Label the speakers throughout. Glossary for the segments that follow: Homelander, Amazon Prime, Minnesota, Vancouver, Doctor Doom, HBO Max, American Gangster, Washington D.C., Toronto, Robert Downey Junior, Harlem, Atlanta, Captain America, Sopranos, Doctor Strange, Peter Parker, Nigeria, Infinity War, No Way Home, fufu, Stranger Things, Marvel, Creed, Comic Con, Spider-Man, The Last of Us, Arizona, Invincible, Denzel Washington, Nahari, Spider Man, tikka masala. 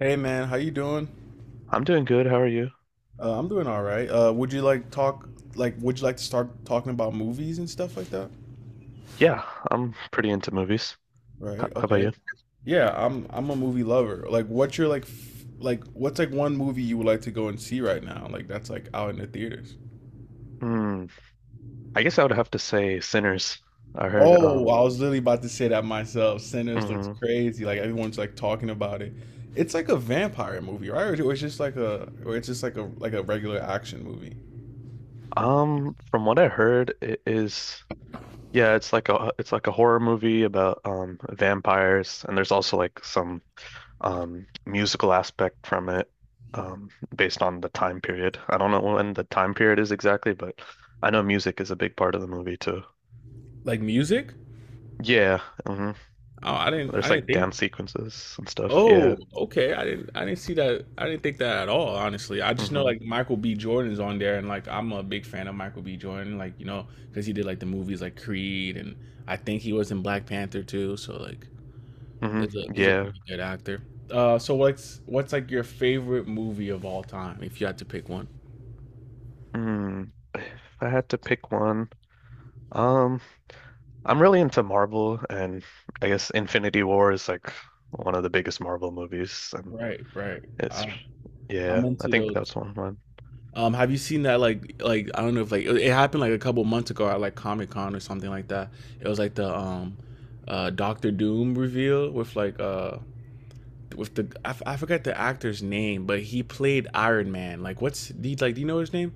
Speaker 1: Hey man, how you doing?
Speaker 2: I'm doing good. How are you?
Speaker 1: I'm doing all right. Would you like to start talking about movies and stuff like that?
Speaker 2: Yeah, I'm pretty into movies.
Speaker 1: Right.
Speaker 2: How about
Speaker 1: Okay.
Speaker 2: you?
Speaker 1: Yeah, I'm a movie lover. What's like one movie you would like to go and see right now? Like that's like out in the theaters.
Speaker 2: Hmm. I guess I would have to say Sinners. I heard
Speaker 1: Oh, I was literally about to say that myself. Sinners looks
Speaker 2: mhm.
Speaker 1: crazy. Like everyone's like talking about it. It's like a vampire movie, right? Or it's just like a regular action movie.
Speaker 2: From what I heard it is yeah, it's like a horror movie about vampires, and there's also like some musical aspect from it um based on the time period. I don't know when the time period is exactly, but I know music is a big part of the movie too.
Speaker 1: Like music?
Speaker 2: Yeah. Hmm.
Speaker 1: Oh, I didn't I
Speaker 2: There's
Speaker 1: didn't
Speaker 2: like
Speaker 1: think.
Speaker 2: dance sequences and stuff. Yeah.
Speaker 1: Oh, okay. I didn't see that. I didn't think that at all, honestly. I just know
Speaker 2: Hmm.
Speaker 1: like Michael B. Jordan's on there and like I'm a big fan of Michael B. Jordan, like, you know, because he did like the movies like Creed, and I think he was in Black Panther too, so like
Speaker 2: Hmm.
Speaker 1: there's a he's a
Speaker 2: Yeah.
Speaker 1: pretty good actor. So what's like your favorite movie of all time if you had to pick one?
Speaker 2: Mm. If I had to pick one, um, I'm really into Marvel, and I guess Infinity War is like one of the biggest Marvel movies, and
Speaker 1: Right, right.
Speaker 2: it's
Speaker 1: Um, I'm
Speaker 2: yeah, I
Speaker 1: into
Speaker 2: think
Speaker 1: those.
Speaker 2: that's one.
Speaker 1: Have you seen that like I don't know if like it happened like a couple months ago at like Comic Con or something like that? It was like the Doctor Doom reveal with like with the I, f- I forgot the actor's name, but he played Iron Man. Like what's he like Do you know his name?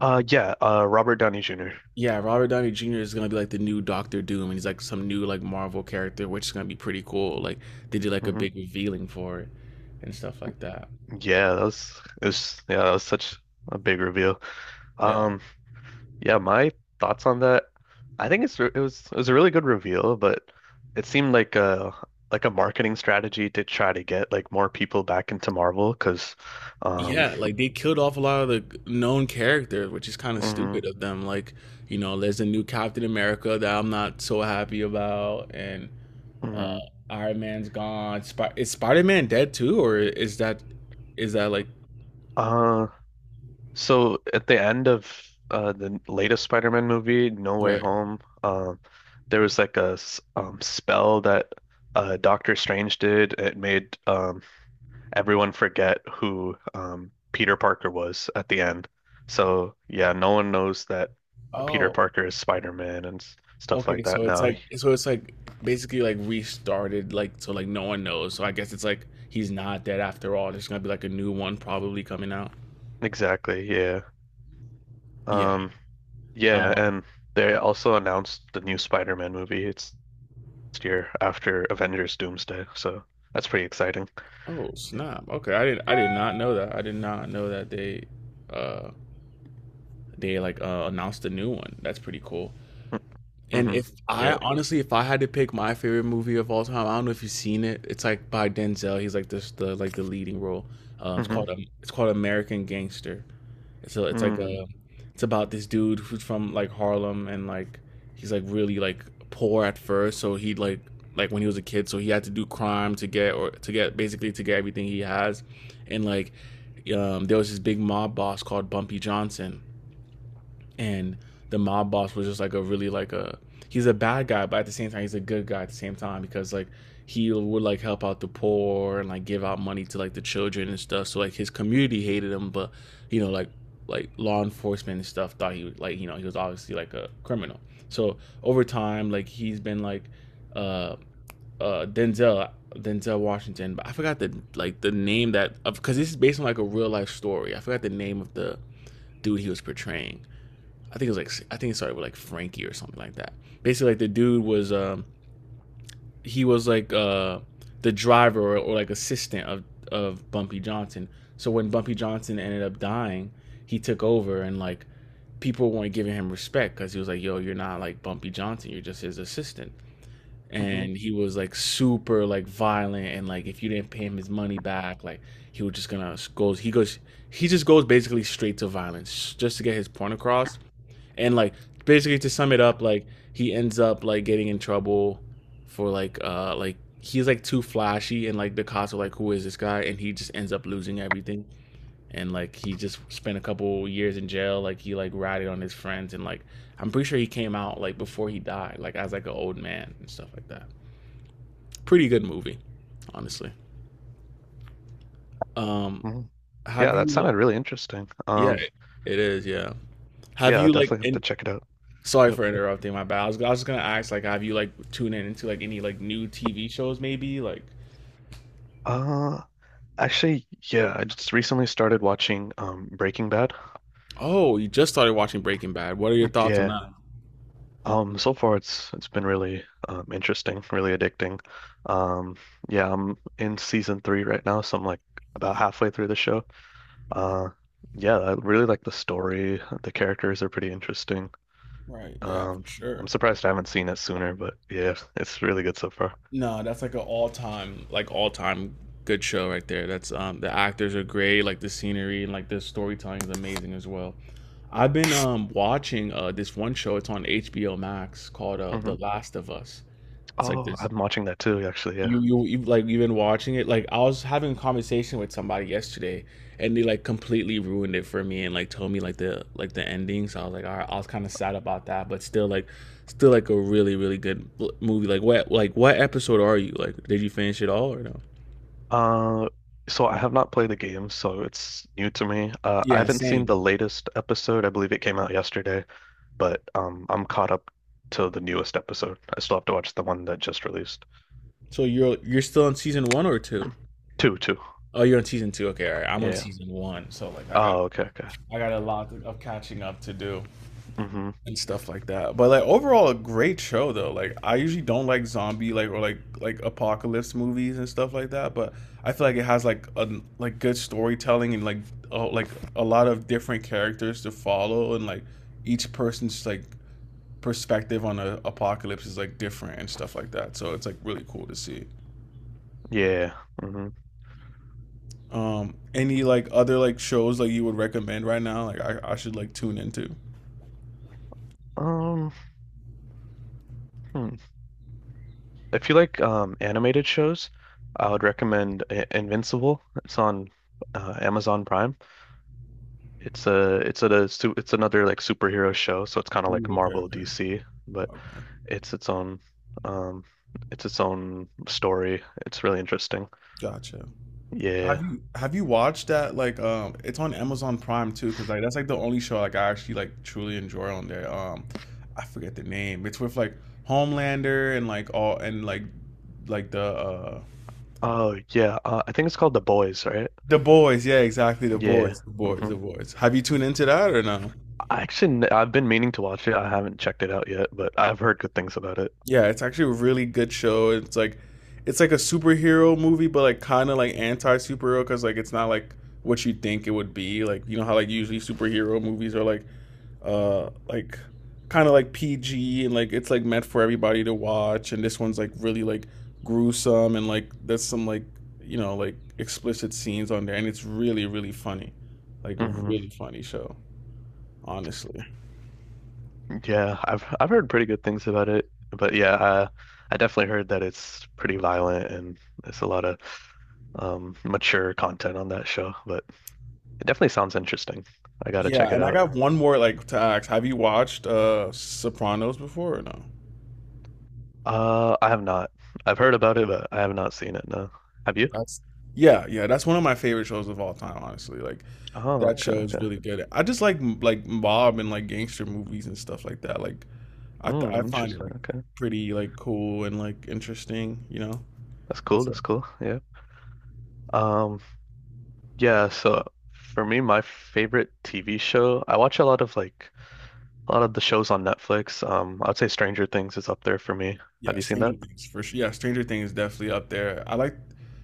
Speaker 2: Yeah, Robert Downey junior.
Speaker 1: Yeah, Robert Downey Jr. is gonna be like the new Doctor Doom, and he's like some new like Marvel character, which is gonna be pretty cool. Like they did like a
Speaker 2: Mm-hmm.
Speaker 1: big revealing for it and stuff like that.
Speaker 2: Yeah, that was yeah, that was such a big reveal.
Speaker 1: Yeah.
Speaker 2: Um, Yeah, my thoughts on that. I think it was a really good reveal, but it seemed like a marketing strategy to try to get like more people back into Marvel because um
Speaker 1: Yeah, like they killed off a lot of the known characters, which is kind of
Speaker 2: mhm,
Speaker 1: stupid of them. Like, you know, there's a new Captain America that I'm not so happy about, and uh
Speaker 2: mhm.
Speaker 1: Iron Man's gone. Is Spider Man dead too, or is that like,
Speaker 2: uh so at the end of the latest Spider-Man movie, No Way
Speaker 1: right?
Speaker 2: Home, there was like a spell that Doctor Strange did. It made everyone forget who, Peter Parker was at the end. So yeah, no one knows that Peter
Speaker 1: Oh,
Speaker 2: Parker is Spider-Man, and stuff like
Speaker 1: okay.
Speaker 2: that
Speaker 1: So it's
Speaker 2: now.
Speaker 1: like so it's like basically like restarted, like so like no one knows. So I guess it's like he's not dead after all. There's gonna be like a new one probably coming out.
Speaker 2: Exactly, yeah.
Speaker 1: Yeah.
Speaker 2: Um, yeah,
Speaker 1: um,
Speaker 2: and they also announced the new Spider-Man movie. It's next year after Avengers Doomsday, so that's pretty exciting.
Speaker 1: Oh snap! Okay, I did not know that. I did not know that uh, they like announced a new one. That's pretty cool.
Speaker 2: Mm.
Speaker 1: And
Speaker 2: Mm-hmm.
Speaker 1: if I
Speaker 2: Yeah.
Speaker 1: honestly, if I had to pick my favorite movie of all time, I don't know if you've seen it. It's like by Denzel. He's like the leading role.
Speaker 2: Mm-hmm.
Speaker 1: It's called American Gangster. So it's like
Speaker 2: Mm.
Speaker 1: a, it's about this dude who's from like Harlem and like he's like really like poor at first. So he like when he was a kid, so he had to do crime to get, or to get basically to get everything he has, and like there was this big mob boss called Bumpy Johnson, and the mob boss was just like a really like a, he's a bad guy, but at the same time he's a good guy at the same time because like he would like help out the poor and like give out money to like the children and stuff. So like his community hated him, but you know like law enforcement and stuff thought he was, like you know, he was obviously like a criminal. So over time like he's been like uh Denzel Washington, but I forgot the like the name that, because this is based on like a real life story. I forgot the name of the dude he was portraying. I think it started with like Frankie or something like that. Basically, like the dude was he was like the driver, or like assistant of Bumpy Johnson. So when Bumpy Johnson ended up dying, he took over and like people weren't giving him respect because he was like, "Yo, you're not like Bumpy Johnson. You're just his assistant."
Speaker 2: Hmm.
Speaker 1: And he was like super like violent, and like if you didn't pay him his money back, like he was just gonna goes he just goes basically straight to violence just to get his point across, and like basically to sum it up, like he ends up like getting in trouble for like he's like too flashy, and like the cops are like who is this guy, and he just ends up losing everything, and like he just spent a couple years in jail, like he like ratted on his friends, and like I'm pretty sure he came out like before he died like as like an old man and stuff like that. Pretty good movie, honestly. Um
Speaker 2: Hmm. Yeah,
Speaker 1: have
Speaker 2: that
Speaker 1: you like
Speaker 2: sounded really interesting.
Speaker 1: Yeah, it is, yeah. have
Speaker 2: Yeah, I'll
Speaker 1: you like
Speaker 2: definitely have to
Speaker 1: in,
Speaker 2: check it out.
Speaker 1: Sorry
Speaker 2: Yep.
Speaker 1: for interrupting. My bad. I was just gonna ask, like, have you like tuned in into like any like new TV shows, maybe? Like,
Speaker 2: Um Actually, yeah, I just recently started watching Breaking Bad.
Speaker 1: oh, you just started watching Breaking Bad. What are your thoughts on
Speaker 2: Yeah.
Speaker 1: that?
Speaker 2: So far it's been really interesting, really addicting. Um yeah, I'm in season three right now, so I'm like about halfway through the show. Uh yeah, I really like the story. The characters are pretty interesting.
Speaker 1: Right. Yeah,
Speaker 2: Um
Speaker 1: for
Speaker 2: I'm
Speaker 1: sure.
Speaker 2: surprised I haven't seen it sooner, but yeah, it's really good so far.
Speaker 1: No, that's like an all-time good show right there. That's The actors are great. Like the scenery and like the storytelling is amazing as well. I've been watching this one show. It's on HBO Max, called
Speaker 2: Hmm.
Speaker 1: The Last of Us. It's like
Speaker 2: Oh,
Speaker 1: this,
Speaker 2: I'm watching that too, actually, yeah.
Speaker 1: you like you've been watching it, like I was having a conversation with somebody yesterday and they like completely ruined it for me and like told me like the ending, so I was like all right, I was kind of sad about that, but still like a really really good movie. Like what episode are you like? Did you finish it all or no?
Speaker 2: Uh, so I have not played the game, so it's new to me. I
Speaker 1: Yeah,
Speaker 2: haven't seen the
Speaker 1: same.
Speaker 2: latest episode. I believe it came out yesterday, but I'm caught up to the newest episode. I still have to watch the one that just released.
Speaker 1: So you're still on season one or two?
Speaker 2: Two, two.
Speaker 1: Oh, you're on season two, okay, all right, I'm on
Speaker 2: Yeah.
Speaker 1: season one, so like i got
Speaker 2: Oh, okay, okay.
Speaker 1: i got a lot of catching up to do
Speaker 2: Mm-hmm.
Speaker 1: and stuff like that. But like overall, a great show though. Like I usually don't like zombie like or like apocalypse movies and stuff like that. But I feel like it has like a like good storytelling and like oh like a lot of different characters to follow and like each person's like perspective on a apocalypse is like different and stuff like that. So it's like really cool to see.
Speaker 2: Yeah. Mm-hmm.
Speaker 1: Any like other like shows like you would recommend right now? Like I should like tune into.
Speaker 2: Um, hmm. If you like animated shows, I would recommend I Invincible. It's on Amazon Prime. It's a, su It's another like superhero show, so it's kind of
Speaker 1: Ooh,
Speaker 2: like
Speaker 1: okay,
Speaker 2: Marvel
Speaker 1: okay,
Speaker 2: DC, but
Speaker 1: okay.
Speaker 2: it's its own um it's its own story. It's really interesting.
Speaker 1: Gotcha.
Speaker 2: Yeah.
Speaker 1: Have you watched that? Like, it's on Amazon Prime too, because like that's like the only show like I actually like truly enjoy on there. I forget the name. It's with like Homelander and like all and like
Speaker 2: Oh yeah. I think it's called The Boys, right?
Speaker 1: the boys. Yeah, exactly. The
Speaker 2: Yeah.
Speaker 1: boys. The boys. The
Speaker 2: Hmm.
Speaker 1: boys. Have you tuned into that or no?
Speaker 2: I've been meaning to watch it. I haven't checked it out yet, but I've heard good things about it.
Speaker 1: Yeah, it's actually a really good show. It's like a superhero movie, but like kind of like anti superhero, because like it's not like what you think it would be. Like you know how like usually superhero movies are like kind of like PG, and like it's like meant for everybody to watch, and this one's like really like gruesome and like there's some like you know like explicit scenes on there, and it's really really funny. Like a
Speaker 2: Hmm.
Speaker 1: really funny show, honestly.
Speaker 2: Yeah, I've heard pretty good things about it. But yeah, I definitely heard that it's pretty violent and there's a lot of mature content on that show, but it definitely sounds interesting. I gotta
Speaker 1: Yeah,
Speaker 2: check it
Speaker 1: and I
Speaker 2: out.
Speaker 1: got one more like to ask. Have you watched Sopranos before or no?
Speaker 2: I have not. I've heard about it, but I have not seen it, no. Have you?
Speaker 1: That's Yeah, yeah. That's one of my favorite shows of all time, honestly. Like
Speaker 2: Oh,
Speaker 1: that
Speaker 2: okay,
Speaker 1: show is
Speaker 2: okay.
Speaker 1: really good. I just like like mob and like gangster movies and stuff like that. Like I
Speaker 2: Mm,
Speaker 1: find it
Speaker 2: interesting.
Speaker 1: like
Speaker 2: Okay.
Speaker 1: pretty like cool and like interesting, you know,
Speaker 2: That's
Speaker 1: and
Speaker 2: cool.
Speaker 1: stuff.
Speaker 2: That's cool. Yeah. Um, yeah, so for me, my favorite TV show, I watch a lot of like a lot of the shows on Netflix. I'd say Stranger Things is up there for me. Have
Speaker 1: Yeah,
Speaker 2: you seen
Speaker 1: Stranger
Speaker 2: that?
Speaker 1: Things for sure. Yeah, Stranger Things definitely up there.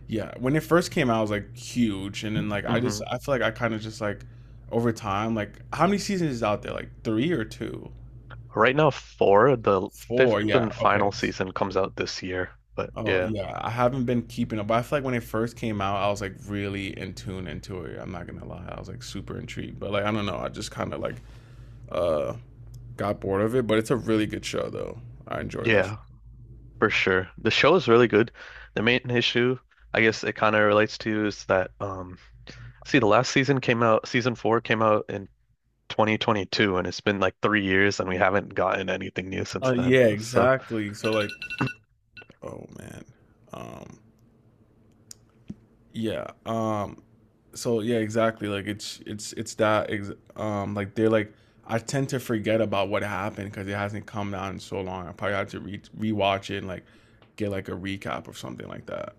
Speaker 1: Yeah, when it first came out, it was like huge, and then like
Speaker 2: Mm-hmm.
Speaker 1: I feel like I kind of just like over time, like how many seasons is out there? Like three or two,
Speaker 2: Right now, four, the fifth
Speaker 1: four? Yeah,
Speaker 2: and
Speaker 1: okay.
Speaker 2: final season comes out this year. But
Speaker 1: Oh
Speaker 2: yeah,
Speaker 1: yeah, I haven't been keeping up. But I feel like when it first came out, I was like really in tune into it. I'm not gonna lie, I was like super intrigued. But like I don't know, I just kind of like uh got bored of it, but it's a really good show though. I enjoy that show.
Speaker 2: yeah, for sure. The show is really good. The main issue, I guess it kind of relates to is that see, the last season came out, season four came out in 2022, and it's been like 3 years, and we haven't gotten anything new since then.
Speaker 1: Yeah,
Speaker 2: So,
Speaker 1: exactly. So like, oh man, um, yeah, um, exactly. Like it's it's that like they're like I tend to forget about what happened because it hasn't come down in so long. I probably have to re rewatch it and like get like a recap or something like that.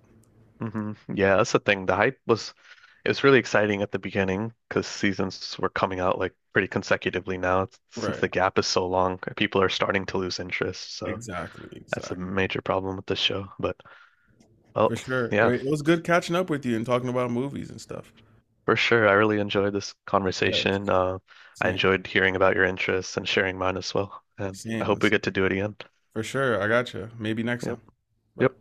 Speaker 2: hmm, yeah, that's the thing. The hype was, it was really exciting at the beginning because seasons were coming out like pretty consecutively. Now, since
Speaker 1: Right.
Speaker 2: the gap is so long, people are starting to lose interest. So
Speaker 1: Exactly.
Speaker 2: that's a
Speaker 1: Exactly.
Speaker 2: major problem with the show. But oh,
Speaker 1: For sure.
Speaker 2: yeah,
Speaker 1: It was good catching up with you and talking about movies and stuff.
Speaker 2: for sure. I really enjoyed this
Speaker 1: Yes.
Speaker 2: conversation. I
Speaker 1: Same.
Speaker 2: enjoyed hearing about your interests and sharing mine as well. And I
Speaker 1: Same.
Speaker 2: hope we get to do it again.
Speaker 1: For sure. I got you. Maybe next
Speaker 2: Yep.
Speaker 1: time. Bye.
Speaker 2: Yep.